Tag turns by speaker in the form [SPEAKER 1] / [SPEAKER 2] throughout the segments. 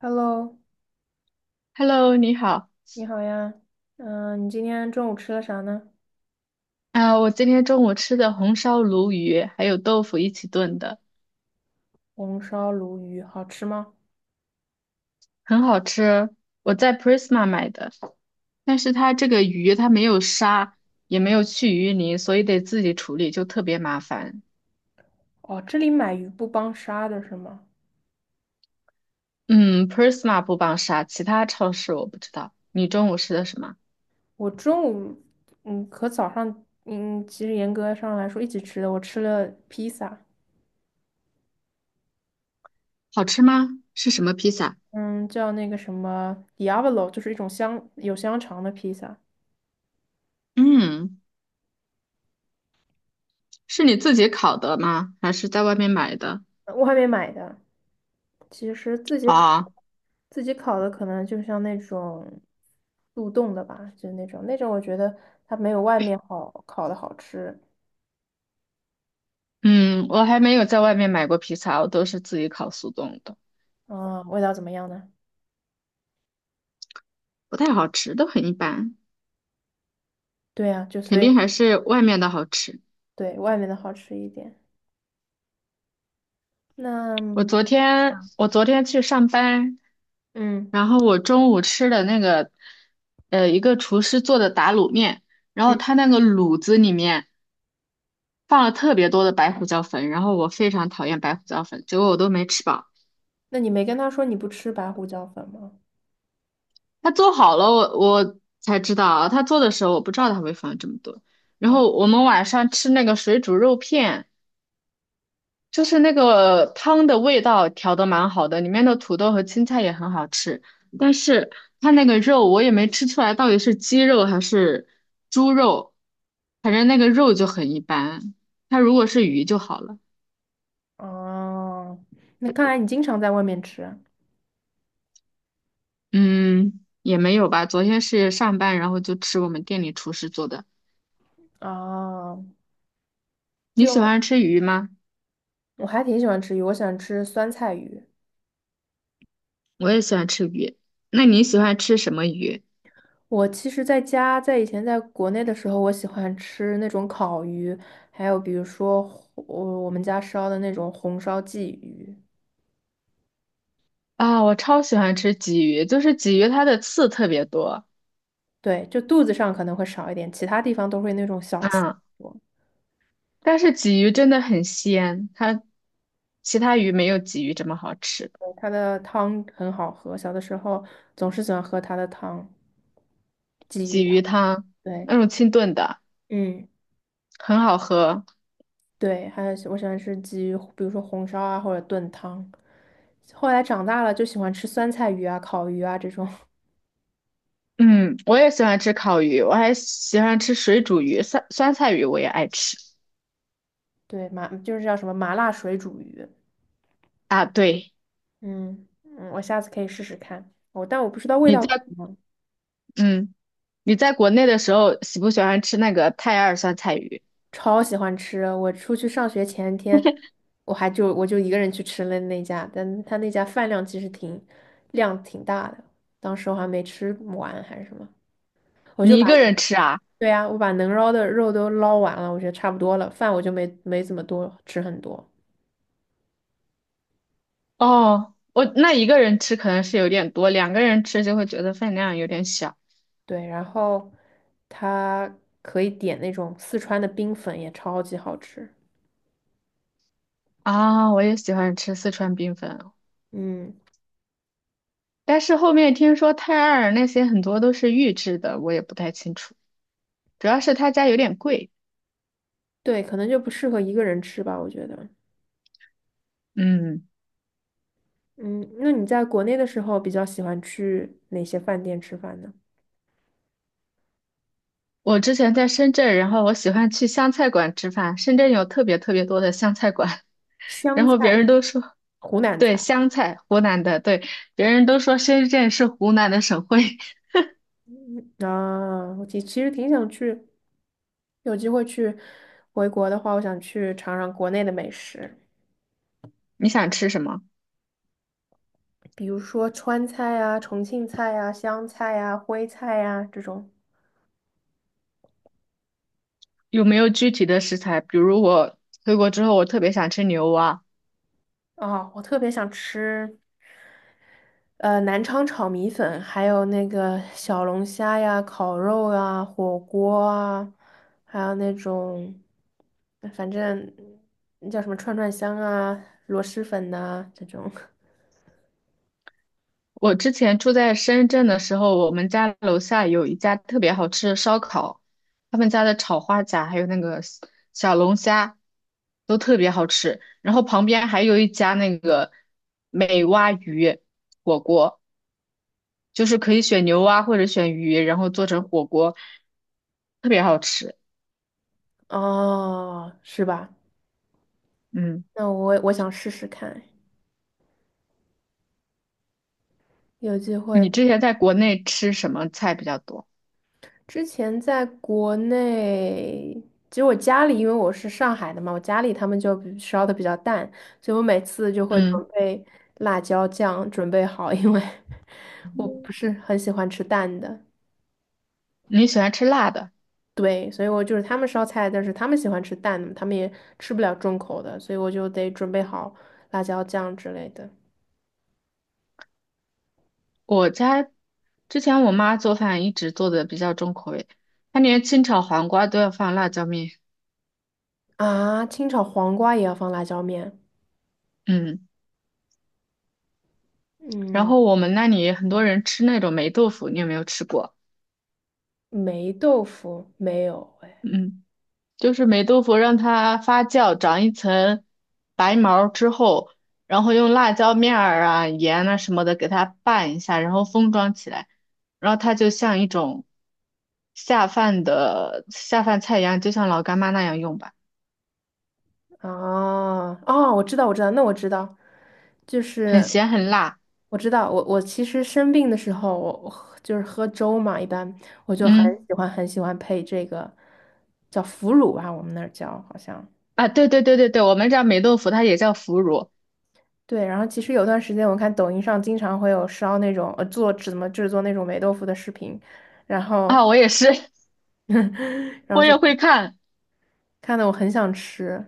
[SPEAKER 1] Hello，
[SPEAKER 2] Hello，你好
[SPEAKER 1] 你好呀，你今天中午吃了啥呢？
[SPEAKER 2] 啊！我今天中午吃的红烧鲈鱼还有豆腐一起炖的，
[SPEAKER 1] 红烧鲈鱼好吃吗？
[SPEAKER 2] 很好吃。我在 Prisma 买的，但是它这个鱼它没有杀，也没有去鱼鳞，所以得自己处理，就特别麻烦。
[SPEAKER 1] 哦，这里买鱼不帮杀的是吗？
[SPEAKER 2] 嗯，Prisma 不帮杀，其他超市我不知道。你中午吃的什么？
[SPEAKER 1] 我中午，和早上，其实严格上来说一起吃的，我吃了披萨。
[SPEAKER 2] 好吃吗？是什么披萨？
[SPEAKER 1] 嗯，叫那个什么 Diavolo，就是一种香肠的披萨。
[SPEAKER 2] 嗯，是你自己烤的吗？还是在外面买的？
[SPEAKER 1] 我还没买的，其实自己烤，
[SPEAKER 2] 啊，
[SPEAKER 1] 自己烤的可能就像那种速冻的吧，就那种，我觉得它没有外面好烤的好吃。
[SPEAKER 2] 嗯，我还没有在外面买过披萨，我都是自己烤速冻的。
[SPEAKER 1] 嗯，味道怎么样呢？
[SPEAKER 2] 不太好吃，都很一般，
[SPEAKER 1] 对啊，就所
[SPEAKER 2] 肯
[SPEAKER 1] 以
[SPEAKER 2] 定还是外面的好吃。
[SPEAKER 1] 对外面的好吃一点。那
[SPEAKER 2] 我昨天我昨天去上班，
[SPEAKER 1] 嗯，
[SPEAKER 2] 然后我中午吃的那个，一个厨师做的打卤面，然后
[SPEAKER 1] 嗯
[SPEAKER 2] 他那个卤子里面放了特别多的白胡椒粉，然后我非常讨厌白胡椒粉，结果我都没吃饱。
[SPEAKER 1] 那你没跟他说你不吃白胡椒粉吗？
[SPEAKER 2] 他做好了，我才知道啊他做的时候我不知道他会放这么多。然后我们晚上吃那个水煮肉片。就是那个汤的味道调的蛮好的，里面的土豆和青菜也很好吃，但是它那个肉我也没吃出来到底是鸡肉还是猪肉，反正那个肉就很一般。它如果是鱼就好了，
[SPEAKER 1] 哦，那看来你经常在外面吃啊。
[SPEAKER 2] 嗯，也没有吧。昨天是上班，然后就吃我们店里厨师做的。
[SPEAKER 1] 哦
[SPEAKER 2] 你喜
[SPEAKER 1] 就
[SPEAKER 2] 欢吃鱼吗？
[SPEAKER 1] 我还挺喜欢吃鱼，我喜欢吃酸菜鱼。
[SPEAKER 2] 我也喜欢吃鱼。那你喜欢吃什么鱼？
[SPEAKER 1] 我其实在家，在以前在国内的时候，我喜欢吃那种烤鱼，还有比如说我们家烧的那种红烧鲫鱼。
[SPEAKER 2] 啊，我超喜欢吃鲫鱼，就是鲫鱼它的刺特别多。
[SPEAKER 1] 对，就肚子上可能会少一点，其他地方都会那种小刺
[SPEAKER 2] 嗯。
[SPEAKER 1] 多。
[SPEAKER 2] 但是鲫鱼真的很鲜，它其他鱼没有鲫鱼这么好吃。
[SPEAKER 1] 对，它的汤很好喝，小的时候总是喜欢喝它的汤，鲫鱼
[SPEAKER 2] 鲫
[SPEAKER 1] 汤。
[SPEAKER 2] 鱼汤
[SPEAKER 1] 对，
[SPEAKER 2] 那种清炖的
[SPEAKER 1] 嗯，
[SPEAKER 2] 很好喝。
[SPEAKER 1] 对，还有我喜欢吃鲫鱼，比如说红烧啊或者炖汤。后来长大了就喜欢吃酸菜鱼啊、烤鱼啊这种。
[SPEAKER 2] 嗯，我也喜欢吃烤鱼，我还喜欢吃水煮鱼，酸酸菜鱼我也爱吃。
[SPEAKER 1] 对，麻就是叫什么麻辣水煮鱼。
[SPEAKER 2] 啊，对，
[SPEAKER 1] 嗯。我下次可以试试看。我但我不知道味
[SPEAKER 2] 你
[SPEAKER 1] 道
[SPEAKER 2] 在
[SPEAKER 1] 怎么样。
[SPEAKER 2] 嗯你在国内的时候喜不喜欢吃那个泰二酸菜鱼？
[SPEAKER 1] 超喜欢吃。我出去上学前一天，我就一个人去吃了那家，但他那家饭量其实挺大的。当时我还没吃完还是什么，我就
[SPEAKER 2] 你一
[SPEAKER 1] 把
[SPEAKER 2] 个人吃啊？
[SPEAKER 1] 我把能捞的肉都捞完了，我觉得差不多了，饭我就没怎么多吃很多。
[SPEAKER 2] 哦，我那一个人吃可能是有点多，两个人吃就会觉得分量有点小。
[SPEAKER 1] 对，然后它可以点那种四川的冰粉，也超级好吃。
[SPEAKER 2] 啊，我也喜欢吃四川冰粉，
[SPEAKER 1] 嗯，
[SPEAKER 2] 但是后面听说泰尔那些很多都是预制的，我也不太清楚。主要是他家有点贵。
[SPEAKER 1] 对，可能就不适合一个人吃吧，我觉得。
[SPEAKER 2] 嗯，
[SPEAKER 1] 嗯，那你在国内的时候比较喜欢去哪些饭店吃饭呢？
[SPEAKER 2] 我之前在深圳，然后我喜欢去湘菜馆吃饭。深圳有特别特别多的湘菜馆，
[SPEAKER 1] 湘
[SPEAKER 2] 然后别
[SPEAKER 1] 菜、
[SPEAKER 2] 人都说，
[SPEAKER 1] 湖南
[SPEAKER 2] 对，
[SPEAKER 1] 菜。
[SPEAKER 2] 湘菜，湖南的，对，别人都说深圳是湖南的省会。
[SPEAKER 1] 嗯啊，我其实挺想去，有机会去回国的话，我想去尝尝国内的美食，
[SPEAKER 2] 你想吃什么？
[SPEAKER 1] 比如说川菜啊、重庆菜啊、湘菜啊、徽菜啊这种。
[SPEAKER 2] 有没有具体的食材？比如我回国之后，我特别想吃牛蛙，
[SPEAKER 1] 啊，我特别想吃南昌炒米粉，还有那个小龙虾呀、烤肉啊、火锅啊，还有那种，反正那叫什么串串香啊、螺蛳粉呐、这种。
[SPEAKER 2] 我之前住在深圳的时候，我们家楼下有一家特别好吃的烧烤，他们家的炒花甲还有那个小龙虾都特别好吃。然后旁边还有一家那个美蛙鱼火锅，就是可以选牛蛙或者选鱼，然后做成火锅，特别好吃。
[SPEAKER 1] 哦，是吧？
[SPEAKER 2] 嗯，
[SPEAKER 1] 那我想试试看，有机
[SPEAKER 2] 你
[SPEAKER 1] 会。
[SPEAKER 2] 之前在国内吃什么菜比较多？
[SPEAKER 1] 之前在国内，其实我家里，因为我是上海的嘛，我家里他们就比烧的比较淡，所以我每次就会准
[SPEAKER 2] 嗯，
[SPEAKER 1] 备辣椒酱准备好，因为 我不是很喜欢吃淡的。
[SPEAKER 2] 你喜欢吃辣的？
[SPEAKER 1] 对，所以我就是他们烧菜，但是他们喜欢吃淡的，他们也吃不了重口的，所以我就得准备好辣椒酱之类的。
[SPEAKER 2] 我家之前我妈做饭一直做的比较重口味，她连清炒黄瓜都要放辣椒面。
[SPEAKER 1] 啊，清炒黄瓜也要放辣椒面？
[SPEAKER 2] 嗯，然
[SPEAKER 1] 嗯，
[SPEAKER 2] 后我们那里很多人吃那种霉豆腐，你有没有吃过？
[SPEAKER 1] 霉豆腐没有哎。
[SPEAKER 2] 嗯，就是霉豆腐让它发酵长一层白毛之后，然后用辣椒面儿啊、盐啊什么的给它拌一下，然后封装起来，然后它就像一种下饭的下饭菜一样，就像老干妈那样用吧，
[SPEAKER 1] 哦，我知道，我知道，那我知道，就
[SPEAKER 2] 很
[SPEAKER 1] 是
[SPEAKER 2] 咸很辣。
[SPEAKER 1] 我知道。我其实生病的时候，我喝就是喝粥嘛，一般我就
[SPEAKER 2] 嗯。
[SPEAKER 1] 很喜欢配这个叫腐乳吧，我们那儿叫好像。
[SPEAKER 2] 啊，对对对对对，我们这儿霉豆腐它也叫腐乳
[SPEAKER 1] 对，然后其实有段时间我看抖音上经常会有烧那种做怎么制作那种霉豆腐的视频，然
[SPEAKER 2] 啊，
[SPEAKER 1] 后
[SPEAKER 2] 我也是，
[SPEAKER 1] 然后
[SPEAKER 2] 我
[SPEAKER 1] 就
[SPEAKER 2] 也会看，
[SPEAKER 1] 看的我很想吃。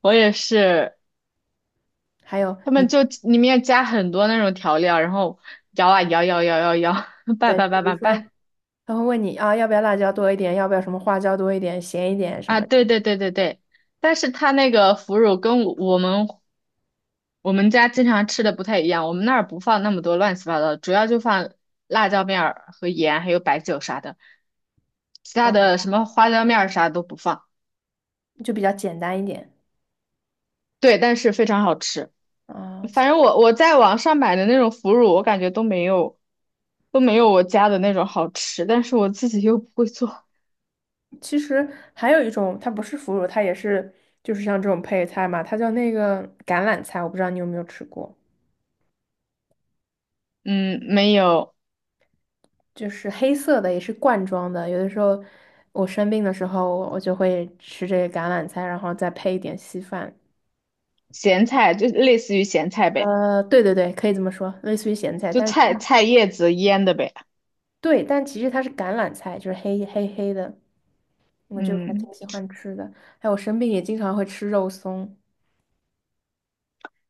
[SPEAKER 2] 我也是，
[SPEAKER 1] 还有
[SPEAKER 2] 他们
[SPEAKER 1] 你
[SPEAKER 2] 就里面加很多那种调料，然后摇啊摇摇摇摇摇，拌
[SPEAKER 1] 对，
[SPEAKER 2] 拌
[SPEAKER 1] 比
[SPEAKER 2] 拌
[SPEAKER 1] 如
[SPEAKER 2] 拌拌
[SPEAKER 1] 说他会问你啊，要不要辣椒多一点，要不要什么花椒多一点，咸一点什
[SPEAKER 2] 啊，
[SPEAKER 1] 么。
[SPEAKER 2] 对对对对对，但是它那个腐乳跟我们家经常吃的不太一样，我们那儿不放那么多乱七八糟的，主要就放辣椒面儿和盐，还有白酒啥的，其他
[SPEAKER 1] 啊，
[SPEAKER 2] 的什么花椒面儿啥都不放，
[SPEAKER 1] 就比较简单一点
[SPEAKER 2] 对，但是非常好吃。
[SPEAKER 1] 啊。其
[SPEAKER 2] 反正我在网上买的那种腐乳，我感觉都没有我家的那种好吃，但是我自己又不会做。
[SPEAKER 1] 其实还有一种，它不是腐乳，它也是就是像这种配菜嘛，它叫那个橄榄菜，我不知道你有没有吃过，
[SPEAKER 2] 嗯，没有
[SPEAKER 1] 就是黑色的，也是罐装的。有的时候我生病的时候，我就会吃这个橄榄菜，然后再配一点稀饭。
[SPEAKER 2] 咸菜，就类似于咸菜呗，
[SPEAKER 1] 对对对，可以这么说，类似于咸菜，
[SPEAKER 2] 就
[SPEAKER 1] 但是
[SPEAKER 2] 菜
[SPEAKER 1] 它
[SPEAKER 2] 菜叶子腌的呗。
[SPEAKER 1] 对，但其实它是橄榄菜，就是黑黑的。我就是还挺
[SPEAKER 2] 嗯
[SPEAKER 1] 喜欢吃的。还有我生病也经常会吃肉松。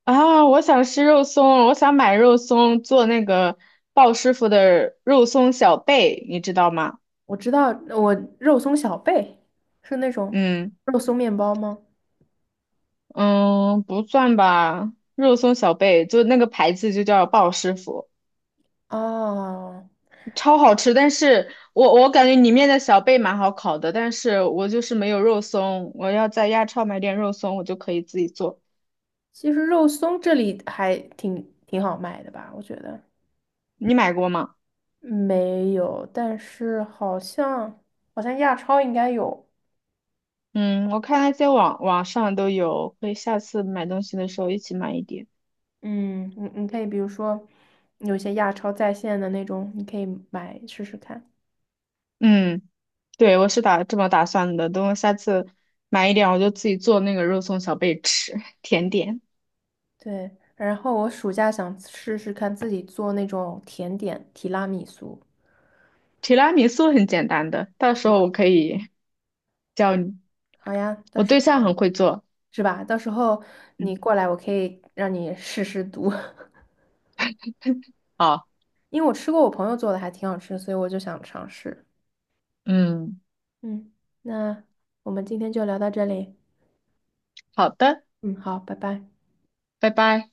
[SPEAKER 2] 啊，我想吃肉松我想买肉松做那个鲍师傅的肉松小贝，你知道吗？
[SPEAKER 1] 我知道，我肉松小贝是那种
[SPEAKER 2] 嗯
[SPEAKER 1] 肉松面包吗？
[SPEAKER 2] 嗯，不算吧，肉松小贝就那个牌子就叫鲍师傅。
[SPEAKER 1] 哦，
[SPEAKER 2] 超好吃，但是我感觉里面的小贝蛮好烤的，但是我就是没有肉松，我要在亚超买点肉松，我就可以自己做。
[SPEAKER 1] 其实肉松这里还挺好卖的吧，我觉得
[SPEAKER 2] 你买过吗？
[SPEAKER 1] 没有，但是好像亚超应该有。
[SPEAKER 2] 嗯，我看那些网上都有，可以下次买东西的时候一起买一点。
[SPEAKER 1] 嗯，你可以比如说有一些亚超在线的那种，你可以买试试看。
[SPEAKER 2] 嗯，对，我是打这么打算的，等我下次买一点，我就自己做那个肉松小贝吃，甜点。
[SPEAKER 1] 对，然后我暑假想试试看自己做那种甜点提拉米苏。
[SPEAKER 2] 提拉米苏很简单的，到时
[SPEAKER 1] 是
[SPEAKER 2] 候
[SPEAKER 1] 吧？
[SPEAKER 2] 我可以教你，
[SPEAKER 1] 好呀，到
[SPEAKER 2] 我
[SPEAKER 1] 时
[SPEAKER 2] 对象
[SPEAKER 1] 候
[SPEAKER 2] 很会做。
[SPEAKER 1] 是吧？到时候
[SPEAKER 2] 嗯，
[SPEAKER 1] 你过来，我可以让你试试毒。
[SPEAKER 2] 好，
[SPEAKER 1] 因为我吃过我朋友做的，还挺好吃，所以我就想尝试。
[SPEAKER 2] 嗯，
[SPEAKER 1] 嗯，那我们今天就聊到这里。
[SPEAKER 2] 好的，
[SPEAKER 1] 嗯，好，拜拜。
[SPEAKER 2] 拜拜。